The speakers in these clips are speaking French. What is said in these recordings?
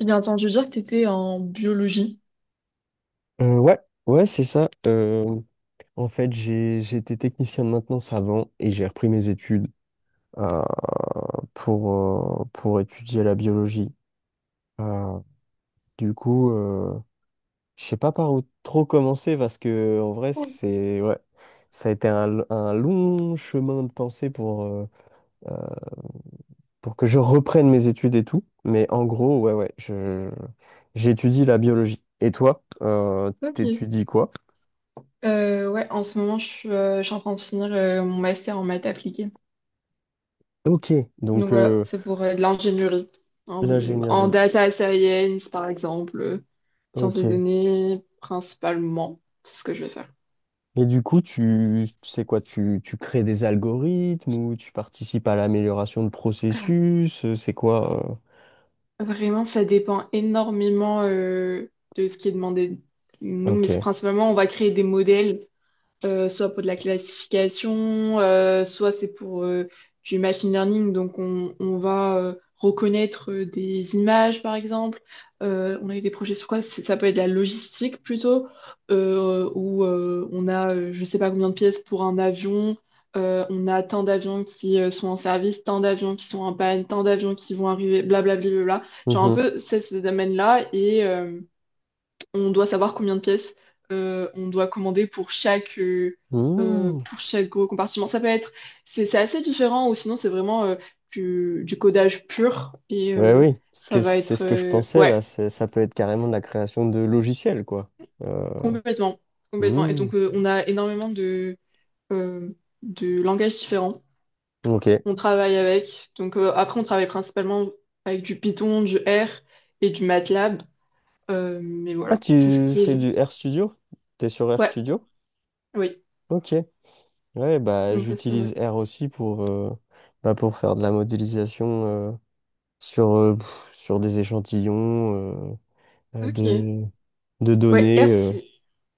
J'ai entendu dire que tu étais en biologie. Ouais, ouais, c'est ça. En fait, j'étais technicien de maintenance avant et j'ai repris mes études euh, pour, pour étudier la biologie. Euh, du coup, je sais pas par où trop commencer parce que en vrai, Oui. c'est ouais, ça a été un long chemin de pensée euh, pour que je reprenne mes études et tout. Mais en gros, ouais, ouais, j'étudie la biologie. Et toi, Ok. t'étudies quoi? Ouais, en ce moment, je suis en train de finir mon master en maths appliquée. Ok, Donc donc voilà, c'est pour de l'ingénierie. En, en l'ingénierie. data science, par exemple, sciences des Ok. données, principalement. C'est ce que je vais faire. Et du coup, tu sais quoi, tu crées des algorithmes ou tu participes à l'amélioration de processus, c'est quoi? Vraiment, ça dépend énormément de ce qui est demandé de nous, mais Ok. c'est principalement, on va créer des modèles soit pour de la classification, soit c'est pour du machine learning. Donc, on va reconnaître des images, par exemple. On a eu des projets sur quoi? Ça peut être de la logistique plutôt, où on a je ne sais pas combien de pièces pour un avion. On a tant d'avions qui sont en service, tant d'avions qui sont en panne, tant d'avions qui vont arriver, blablabla. Genre un Mhm. peu c'est ce domaine-là. Et, on doit savoir combien de pièces on doit commander pour chaque, euh, euh, Mmh. pour chaque gros compartiment. Ça peut être, c'est assez différent ou sinon c'est vraiment du codage pur et Ouais, oui. Parce ça que va c'est être, ce que je pensais ouais, là, ça peut être carrément de la création de logiciels, quoi. Euh, complètement, complètement. Et mmh. donc on a énormément euh, de langages différents. Ok. Donc après on travaille principalement avec du Python, du R et du MATLAB. Mais Ah, voilà, c'est ce tu qui fais est. du RStudio? T'es sur Ouais, RStudio? oui, Ok. Ouais, bah donc ça c'est pas mal. j'utilise R aussi bah, pour faire de la modélisation sur des échantillons. euh, euh, Ok. de, de Ouais, données. R, c'est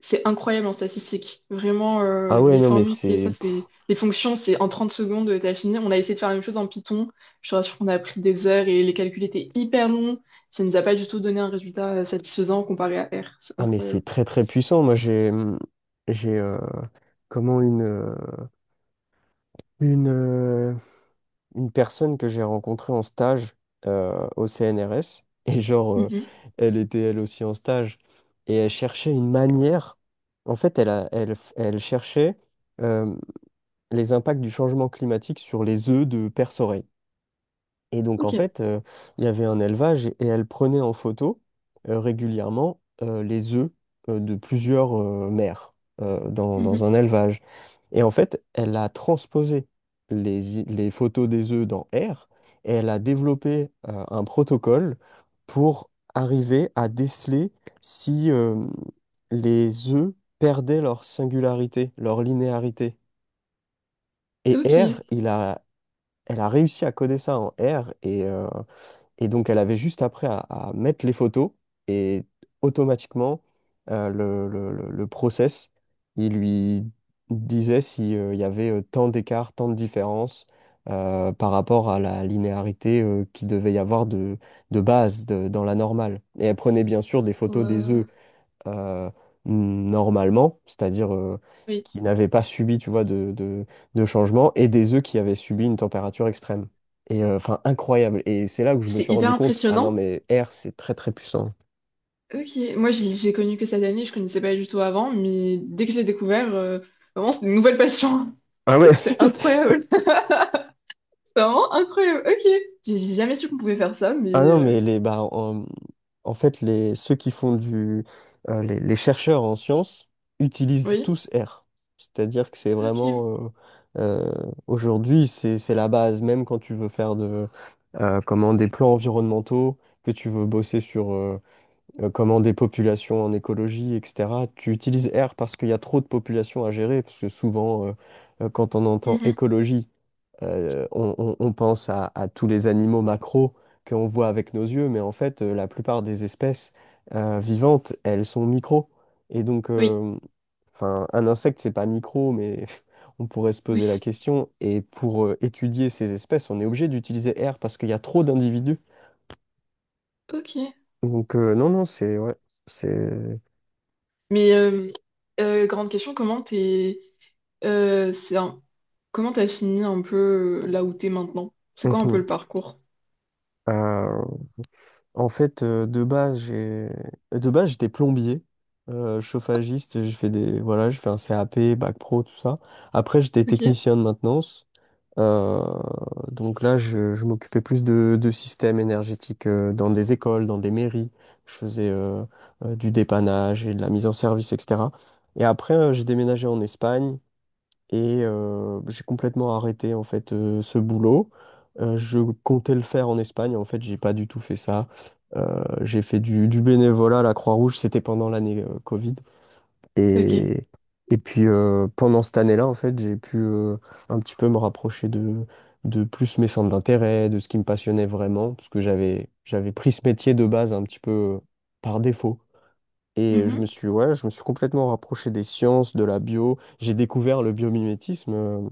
c'est incroyable en statistique. Vraiment, Ah ouais, les non, mais formules qui est ça, c'est les fonctions, c'est en 30 secondes, t'as fini. On a essayé de faire la même chose en Python. Je te rassure qu'on a pris des heures et les calculs étaient hyper longs. Ça nous a pas du tout donné un résultat satisfaisant comparé à R. C'est ah, mais c'est incroyable. très très puissant. Moi, j'ai comment une euh, une personne que j'ai rencontrée en stage au CNRS et genre Mhm. elle était elle aussi en stage et elle cherchait une manière. En fait, elle a, elle f- elle cherchait euh, les impacts du changement climatique sur les œufs de perce. Et donc, en Ok. fait, il y avait un élevage et elle prenait en photo régulièrement les œufs de plusieurs mères dans Mhm. un élevage. Et en fait, elle a transposé les photos des œufs dans R et elle a développé un protocole pour arriver à déceler si les œufs perdaient leur singularité, leur linéarité. Et Ok. R, elle a réussi à coder ça en R. Et donc, elle avait juste après à mettre les photos et automatiquement, le process, il lui disait si, il y avait tant d'écart, tant de différence par rapport à la linéarité qui qu'il devait y avoir de base dans la normale. Et elle prenait bien sûr des photos des œufs Ouais. euh, normalement, c'est-à-dire Oui. qui n'avaient pas subi, tu vois, de changement, et des œufs qui avaient subi une température extrême. Et enfin, incroyable. Et c'est là que je me C'est suis hyper rendu compte, ah non, impressionnant. mais R, c'est très très puissant. Ok. Moi, j'ai connu que cette année, je connaissais pas du tout avant, mais dès que je l'ai découvert, vraiment, c'est une nouvelle passion. Ah ouais. C'est incroyable. C'est vraiment incroyable. Ok. J'ai jamais su qu'on pouvait faire ça, mais Ah non, mais bah, en fait, les, ceux qui font du. Les chercheurs en sciences utilisent oui. tous R. C'est-à-dire que c'est Ok. vraiment. Euh, Aujourd'hui, c'est la base. Même quand tu veux faire des plans environnementaux, que tu veux bosser sur comment des populations en écologie, etc., tu utilises R parce qu'il y a trop de populations à gérer. Parce que souvent, quand on entend Mhm. écologie, on pense à tous les animaux macros que l'on voit avec nos yeux, mais en fait, la plupart des espèces vivantes, elles sont micros. Et donc, Oui. Enfin, un insecte, c'est pas micro, mais on pourrait se Oui. poser la question. Et pour étudier ces espèces, on est obligé d'utiliser R parce qu'il y a trop d'individus. Ok. Donc, non, non, c'est. Ouais, c'est. Mais grande question, euh, c'est un- comment t'as fini un peu là où t'es maintenant? C'est quoi un peu Mhm. le parcours? Euh, En fait, de base j'étais plombier, chauffagiste, j'ai fait des voilà, je fais un CAP, bac pro, tout ça. Après, j'étais Ok. technicien de maintenance. Euh, donc là, je m'occupais plus de systèmes énergétiques dans des écoles, dans des mairies. Je faisais du dépannage et de la mise en service, etc. Et après, j'ai déménagé en Espagne et j'ai complètement arrêté en fait ce boulot. Je comptais le faire en Espagne. En fait, j'ai pas du tout fait ça. J'ai fait du bénévolat à la Croix-Rouge. C'était pendant l'année Covid. Ok. Et, et puis pendant cette année-là, en fait, j'ai pu un petit peu me rapprocher de plus mes centres d'intérêt, de ce qui me passionnait vraiment, parce que j'avais pris ce métier de base un petit peu par défaut. Et Mhm. Ouais, je me suis complètement rapproché des sciences, de la bio. J'ai découvert le biomimétisme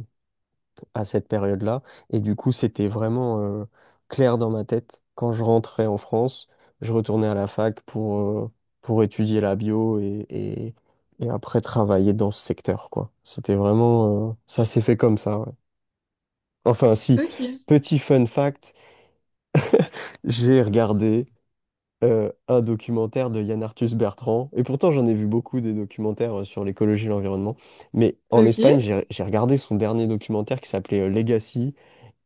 à cette période-là. Et du coup, c'était vraiment clair dans ma tête. Quand je rentrais en France, je retournais à la fac pour étudier la bio et après travailler dans ce secteur, quoi. C'était vraiment. Ça s'est fait comme ça, ouais. Enfin, si, Ok. petit fun fact, j'ai regardé un documentaire de Yann Arthus Bertrand. Et pourtant, j'en ai vu beaucoup des documentaires sur l'écologie et l'environnement. Mais en Ok. Espagne, j'ai regardé son dernier documentaire qui s'appelait Legacy,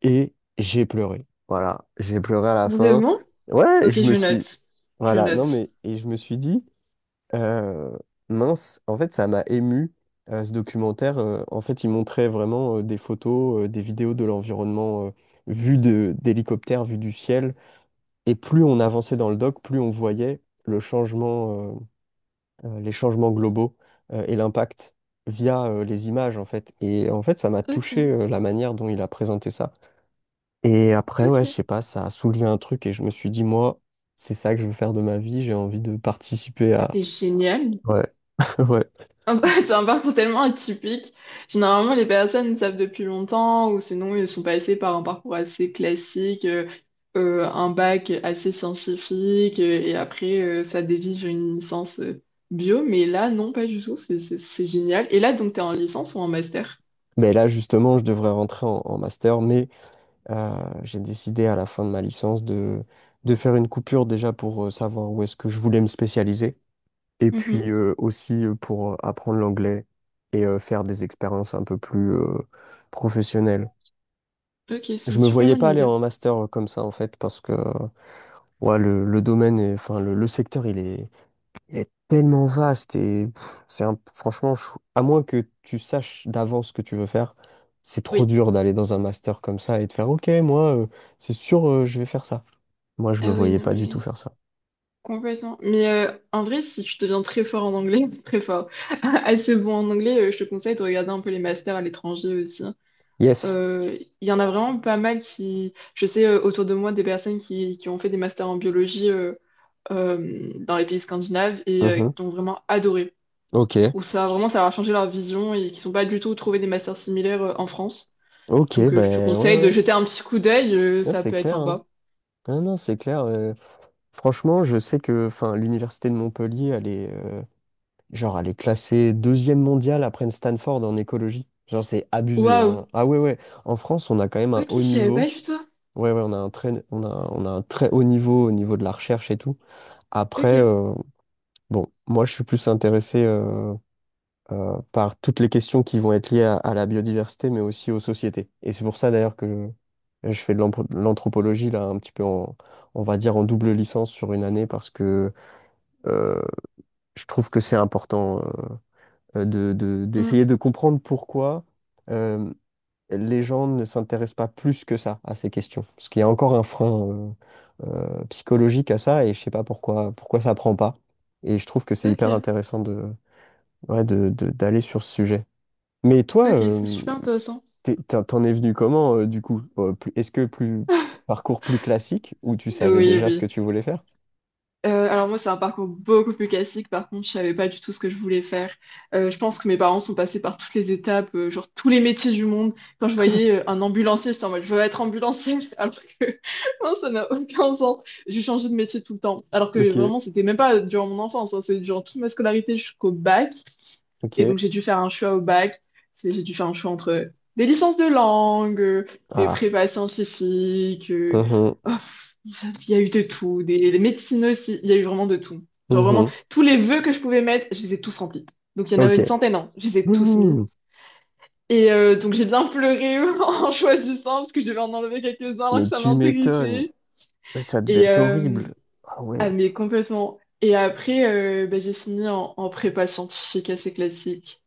et j'ai pleuré. Voilà, j'ai pleuré à la fin. Vraiment? Ouais, Ok, je me je suis. note. Je Voilà, non note. mais. Et je me suis dit, euh, mince, en fait, ça m'a ému, ce documentaire. En fait, il montrait vraiment des photos, des vidéos de l'environnement vu d'hélicoptère, vu du ciel. Et plus on avançait dans le doc, plus on voyait les changements globaux et l'impact via les images, en fait. Et en fait, ça m'a touché Ok. La manière dont il a présenté ça. Et après, ouais, je Ok. sais pas, ça a soulevé un truc et je me suis dit, moi, c'est ça que je veux faire de ma vie, j'ai envie de participer à. C'est génial. Ouais, ouais. C'est un parcours tellement atypique. Généralement, les personnes le savent depuis longtemps ou sinon ils sont passés par un parcours assez classique, un bac assez scientifique et après ça dévie vers une licence bio. Mais là, non, pas du tout. C'est génial. Et là, donc, t'es en licence ou en master? Mais là, justement, je devrais rentrer en master, mais euh, j'ai décidé à la fin de ma licence de faire une coupure déjà pour savoir où est-ce que je voulais me spécialiser, et Mhm. puis aussi pour apprendre l'anglais et faire des expériences un peu plus professionnelles. Ok, c'est une Je me super voyais bonne pas aller idée. en master comme ça, en fait, parce que. Ouais, le domaine, enfin, le secteur, il est tellement vaste et c'est un, franchement, à moins que tu saches d'avance ce que tu veux faire, c'est trop Oui. dur d'aller dans un master comme ça et de faire, OK, moi, c'est sûr, je vais faire ça. Moi, je me Ah oui, voyais non, pas du tout mais faire ça. complètement. Mais en vrai, si tu deviens très fort en anglais, très fort, assez bon en anglais, je te conseille de regarder un peu les masters à l'étranger aussi, hein. Yes. Il y en a vraiment pas mal je sais autour de moi des personnes qui ont fait des masters en biologie dans les pays scandinaves et Mhm. qui ont vraiment adoré. OK. Ou ça, vraiment, ça leur a changé leur vision et qui sont pas du tout trouvé des masters similaires en France. OK, Donc je te ben ouais, conseille de ouais. jeter un petit coup d'œil, Ouais, ça c'est peut être clair, hein. sympa. Ah non, c'est clair. Franchement, je sais que enfin, l'université de Montpellier, genre, elle est classée deuxième mondiale après Stanford en écologie. Genre, c'est abusé, Waouh! hein. Ah ouais, ouais. En France, on a quand même un Ok, je haut savais pas niveau. du tout. Ouais, ouais, on a un très haut niveau au niveau de la recherche et tout. Après, Ok. Bon, moi, je suis plus intéressé par toutes les questions qui vont être liées à la biodiversité, mais aussi aux sociétés. Et c'est pour ça, d'ailleurs, que je fais de l'anthropologie, là, un petit peu on va dire, en double licence sur une année, parce que euh, je trouve que c'est important Hmm. d'essayer de comprendre pourquoi. euh, les gens ne s'intéressent pas plus que ça à ces questions. Parce qu'il y a encore un frein euh, psychologique à ça et je sais pas pourquoi, pourquoi ça prend pas. Et je trouve que c'est hyper Ok. intéressant ouais, d'aller sur ce sujet. Mais toi, Ok, c'est super intéressant. T'en es venu comment du coup? Est-ce que plus parcours plus classique où tu savais Oui, déjà ce que oui. tu voulais faire? Alors moi, c'est un parcours beaucoup plus classique. Par contre, je savais pas du tout ce que je voulais faire. Je pense que mes parents sont passés par toutes les étapes, genre tous les métiers du monde. Quand je voyais un ambulancier, j'étais en mode, je veux être ambulancier. Alors que non, ça n'a aucun sens. J'ai changé de métier tout le temps. Alors que Ok, vraiment, c'était même pas durant mon enfance, hein. C'est durant toute ma scolarité jusqu'au bac. ok. Et donc, j'ai dû faire un choix au bac. J'ai dû faire un choix entre des licences de langue, des Ah, prépas scientifiques. Mhm, Oh, pff, il y a eu de tout. Des médecines aussi. Il y a eu vraiment de tout. Genre, vraiment, mhm, tous les vœux que je pouvais mettre, je les ai tous remplis. Donc, il y en avait ok. une centaine, hein. Je les ai tous mis. Mhm. Et donc, j'ai bien pleuré en choisissant parce que je devais en enlever quelques-uns alors que Mais ça tu m'étonnes. m'intéressait. Mais ça devait Et, être horrible. Ah ouais. ah, mais complètement. Et après, bah, j'ai fini en, prépa scientifique assez classique.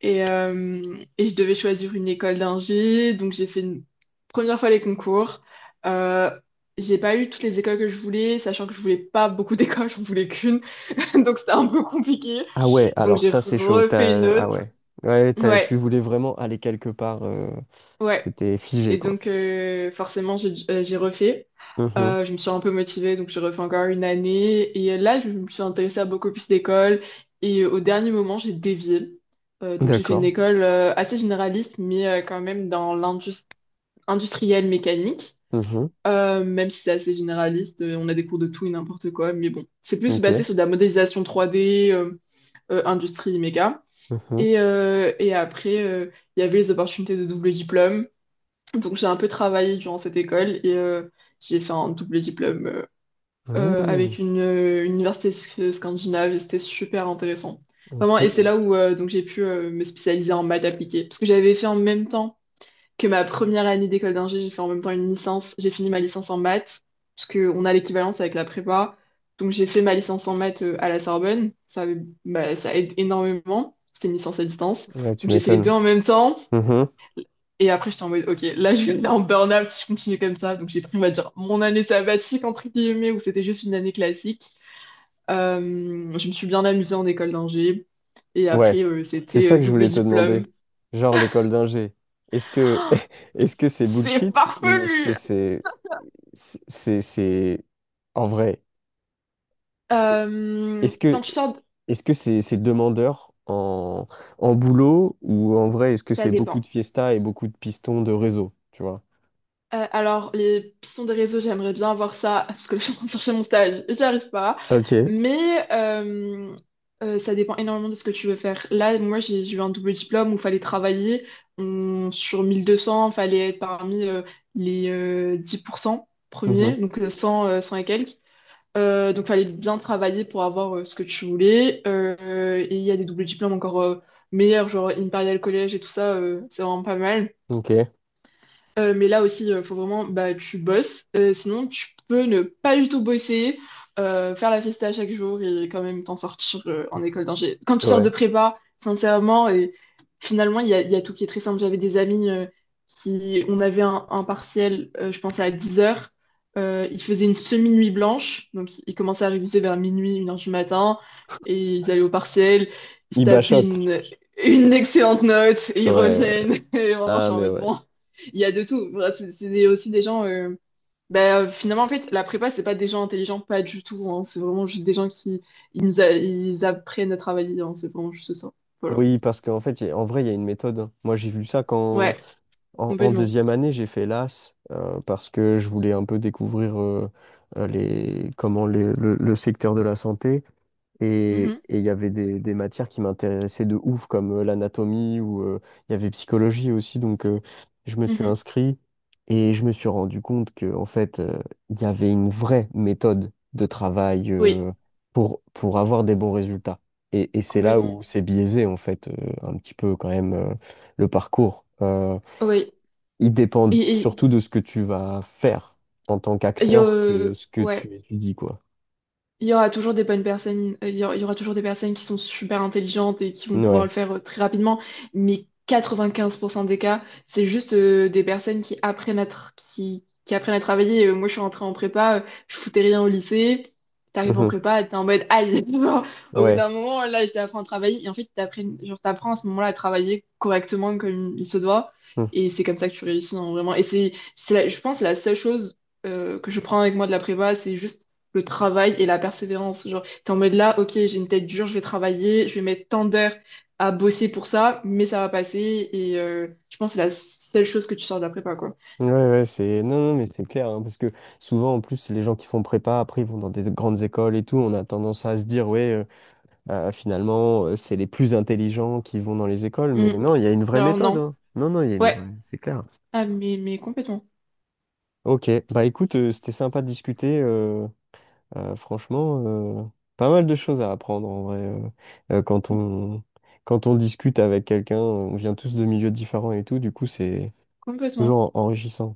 Et je devais choisir une école d'ingé, donc j'ai fait une première fois les concours. Euh, j'ai pas eu toutes les écoles que je voulais, sachant que je voulais pas beaucoup d'écoles, j'en voulais qu'une, donc c'était un peu compliqué. Ah ouais, Donc alors j'ai ça c'est chaud. refait une T'as. Ah autre. ouais. Ouais, Ouais, tu voulais vraiment aller quelque part. Ouais. C'était figé, Et quoi. donc, forcément, j'ai refait. Mhm. Je me suis un peu motivée, donc j'ai refait encore une année. Et là, je me suis intéressée à beaucoup plus d'écoles. Et au dernier moment, j'ai dévié. Donc, j'ai fait une D'accord. école assez généraliste, mais quand même dans l'industrie industrielle mécanique. Mhm. Même si c'est assez généraliste, on a des cours de tout et n'importe quoi. Mais bon, c'est plus Ok. basé sur de la modélisation 3D, industrie méca. Mhm. Et après, il y avait les opportunités de double diplôme. Donc j'ai un peu travaillé durant cette école et j'ai fait un double diplôme Mmh. avec une université scandinave et c'était super intéressant. Vraiment, et c'est Ok. là où donc j'ai pu me spécialiser en maths appliquées. Parce que j'avais fait en même temps que ma première année d'école d'ingé, j'ai fait en même temps une licence. J'ai fini ma licence en maths, parce qu'on a l'équivalence avec la prépa. Donc j'ai fait ma licence en maths à la Sorbonne. Bah, ça aide énormément. C'était une licence à distance. Ouais, Donc tu j'ai fait les deux m'étonnes. en même temps. Mhm. Et après, j'étais en mode, OK, là, je suis en burn-out si je continue comme ça. Donc, j'ai pris, on va dire, mon année sabbatique, entre guillemets, où c'était juste une année classique. Euh, je me suis bien amusée en école d'ingé. Et Ouais. après, C'est c'était ça que je double voulais te diplôme. demander. Genre l'école d'ingé. Est-ce que est-ce que c'est C'est bullshit ou est-ce farfelu! que c'est en vrai? Est-ce Quand que tu sors, Est-ce que c'est demandeur en boulot ou en vrai, est-ce que ça c'est beaucoup de dépend. fiesta et beaucoup de pistons de réseau, tu vois? Alors, les pistons des réseaux, j'aimerais bien avoir ça, parce que je suis en train de chercher mon stage, j'y arrive pas. Ok. Mais ça dépend énormément de ce que tu veux faire. Là, moi, j'ai eu un double diplôme où il fallait travailler. Sur 1200, il fallait être parmi les 10% Mhm. premiers, donc 100 et quelques. Donc, il fallait bien travailler pour avoir ce que tu voulais. Et il y a des doubles diplômes encore meilleurs, genre Imperial College et tout ça, c'est vraiment pas mal. Ok. Mais là aussi, il faut vraiment, bah, tu bosses. Sinon, tu peux ne pas du tout bosser, faire la fiesta chaque jour et quand même t'en sortir en école d'ingé. Quand tu sors de Ouais. prépa, sincèrement, et finalement, il y a tout qui est très simple. J'avais des amis qui, on avait un partiel, je pense, à 10 heures. Ils faisaient une semi-nuit blanche. Donc, ils commençaient à réviser vers minuit, 1 heure du matin. Et ils allaient au partiel. Ils se Il tapaient bachote. une excellente note et ils Ouais, ouais. reviennent. Et vraiment, je Ah, suis en mais mode ouais. bon. Il y a de tout. Voilà, c'est aussi des gens. Bah, finalement, en fait, la prépa, c'est pas des gens intelligents, pas du tout, hein. C'est vraiment juste des gens qui ils apprennent à travailler, hein. C'est vraiment juste ça. Voilà. Oui, parce qu'en fait, en vrai, il y a une méthode, hein. Moi, j'ai vu ça quand, Ouais, en complètement. deuxième année, j'ai fait l'AS parce que je voulais un peu découvrir les, comment les- le secteur de la santé. Et Mhm, et il y avait des matières qui m'intéressaient de ouf, comme l'anatomie ou il y avait psychologie aussi. Donc, je me suis mhm. inscrit et je me suis rendu compte que, en fait, il y avait une vraie méthode de travail Oui, pour avoir des bons résultats. Et c'est là complètement. où c'est biaisé, en fait, un petit peu quand même le parcours. Euh, Oui. il dépend Et, et, surtout de ce que tu vas faire en tant qu'acteur que ce que ouais. tu étudies, quoi. Il y aura toujours des bonnes personnes, il y aura toujours des personnes qui sont super intelligentes et qui vont pouvoir le Ouais. faire très rapidement, mais 95% des cas, c'est juste des personnes qui apprennent à travailler. Moi, je suis rentrée en prépa, je foutais rien au lycée. T'arrives en Mhm. prépa, t'es en mode aïe. Genre, au bout Ouais. d'un moment, là, je t'apprends à travailler. Et en fait, t'apprends, genre, t'apprends à ce moment-là à travailler correctement comme il se doit. Mmh. Et c'est comme ça que tu réussis, hein, vraiment. Et c'est je pense, la seule chose que je prends avec moi de la prépa, c'est juste le travail et la persévérance. Genre, t'es en mode là, ok, j'ai une tête dure, je vais travailler, je vais mettre tant d'heures à bosser pour ça, mais ça va passer. Et je pense que c'est la seule chose que tu sors de la prépa, quoi. Ouais, ouais, c'est. Non, non, mais c'est clair, hein, parce que souvent, en plus, les gens qui font prépa, après, ils vont dans des grandes écoles et tout, on a tendance à se dire, ouais, finalement, c'est les plus intelligents qui vont dans les écoles, mais Mhm. non, il y a une vraie Alors méthode, non. hein. Non, non, il y a une Ouais. vraie, c'est clair. Ah, mais complètement. Ok, bah écoute, c'était sympa de discuter, franchement, pas mal de choses à apprendre, en vrai, euh, quand Mhm. on... quand on discute avec quelqu'un, on vient tous de milieux différents et tout, du coup, c'est Complètement. toujours enrichissant.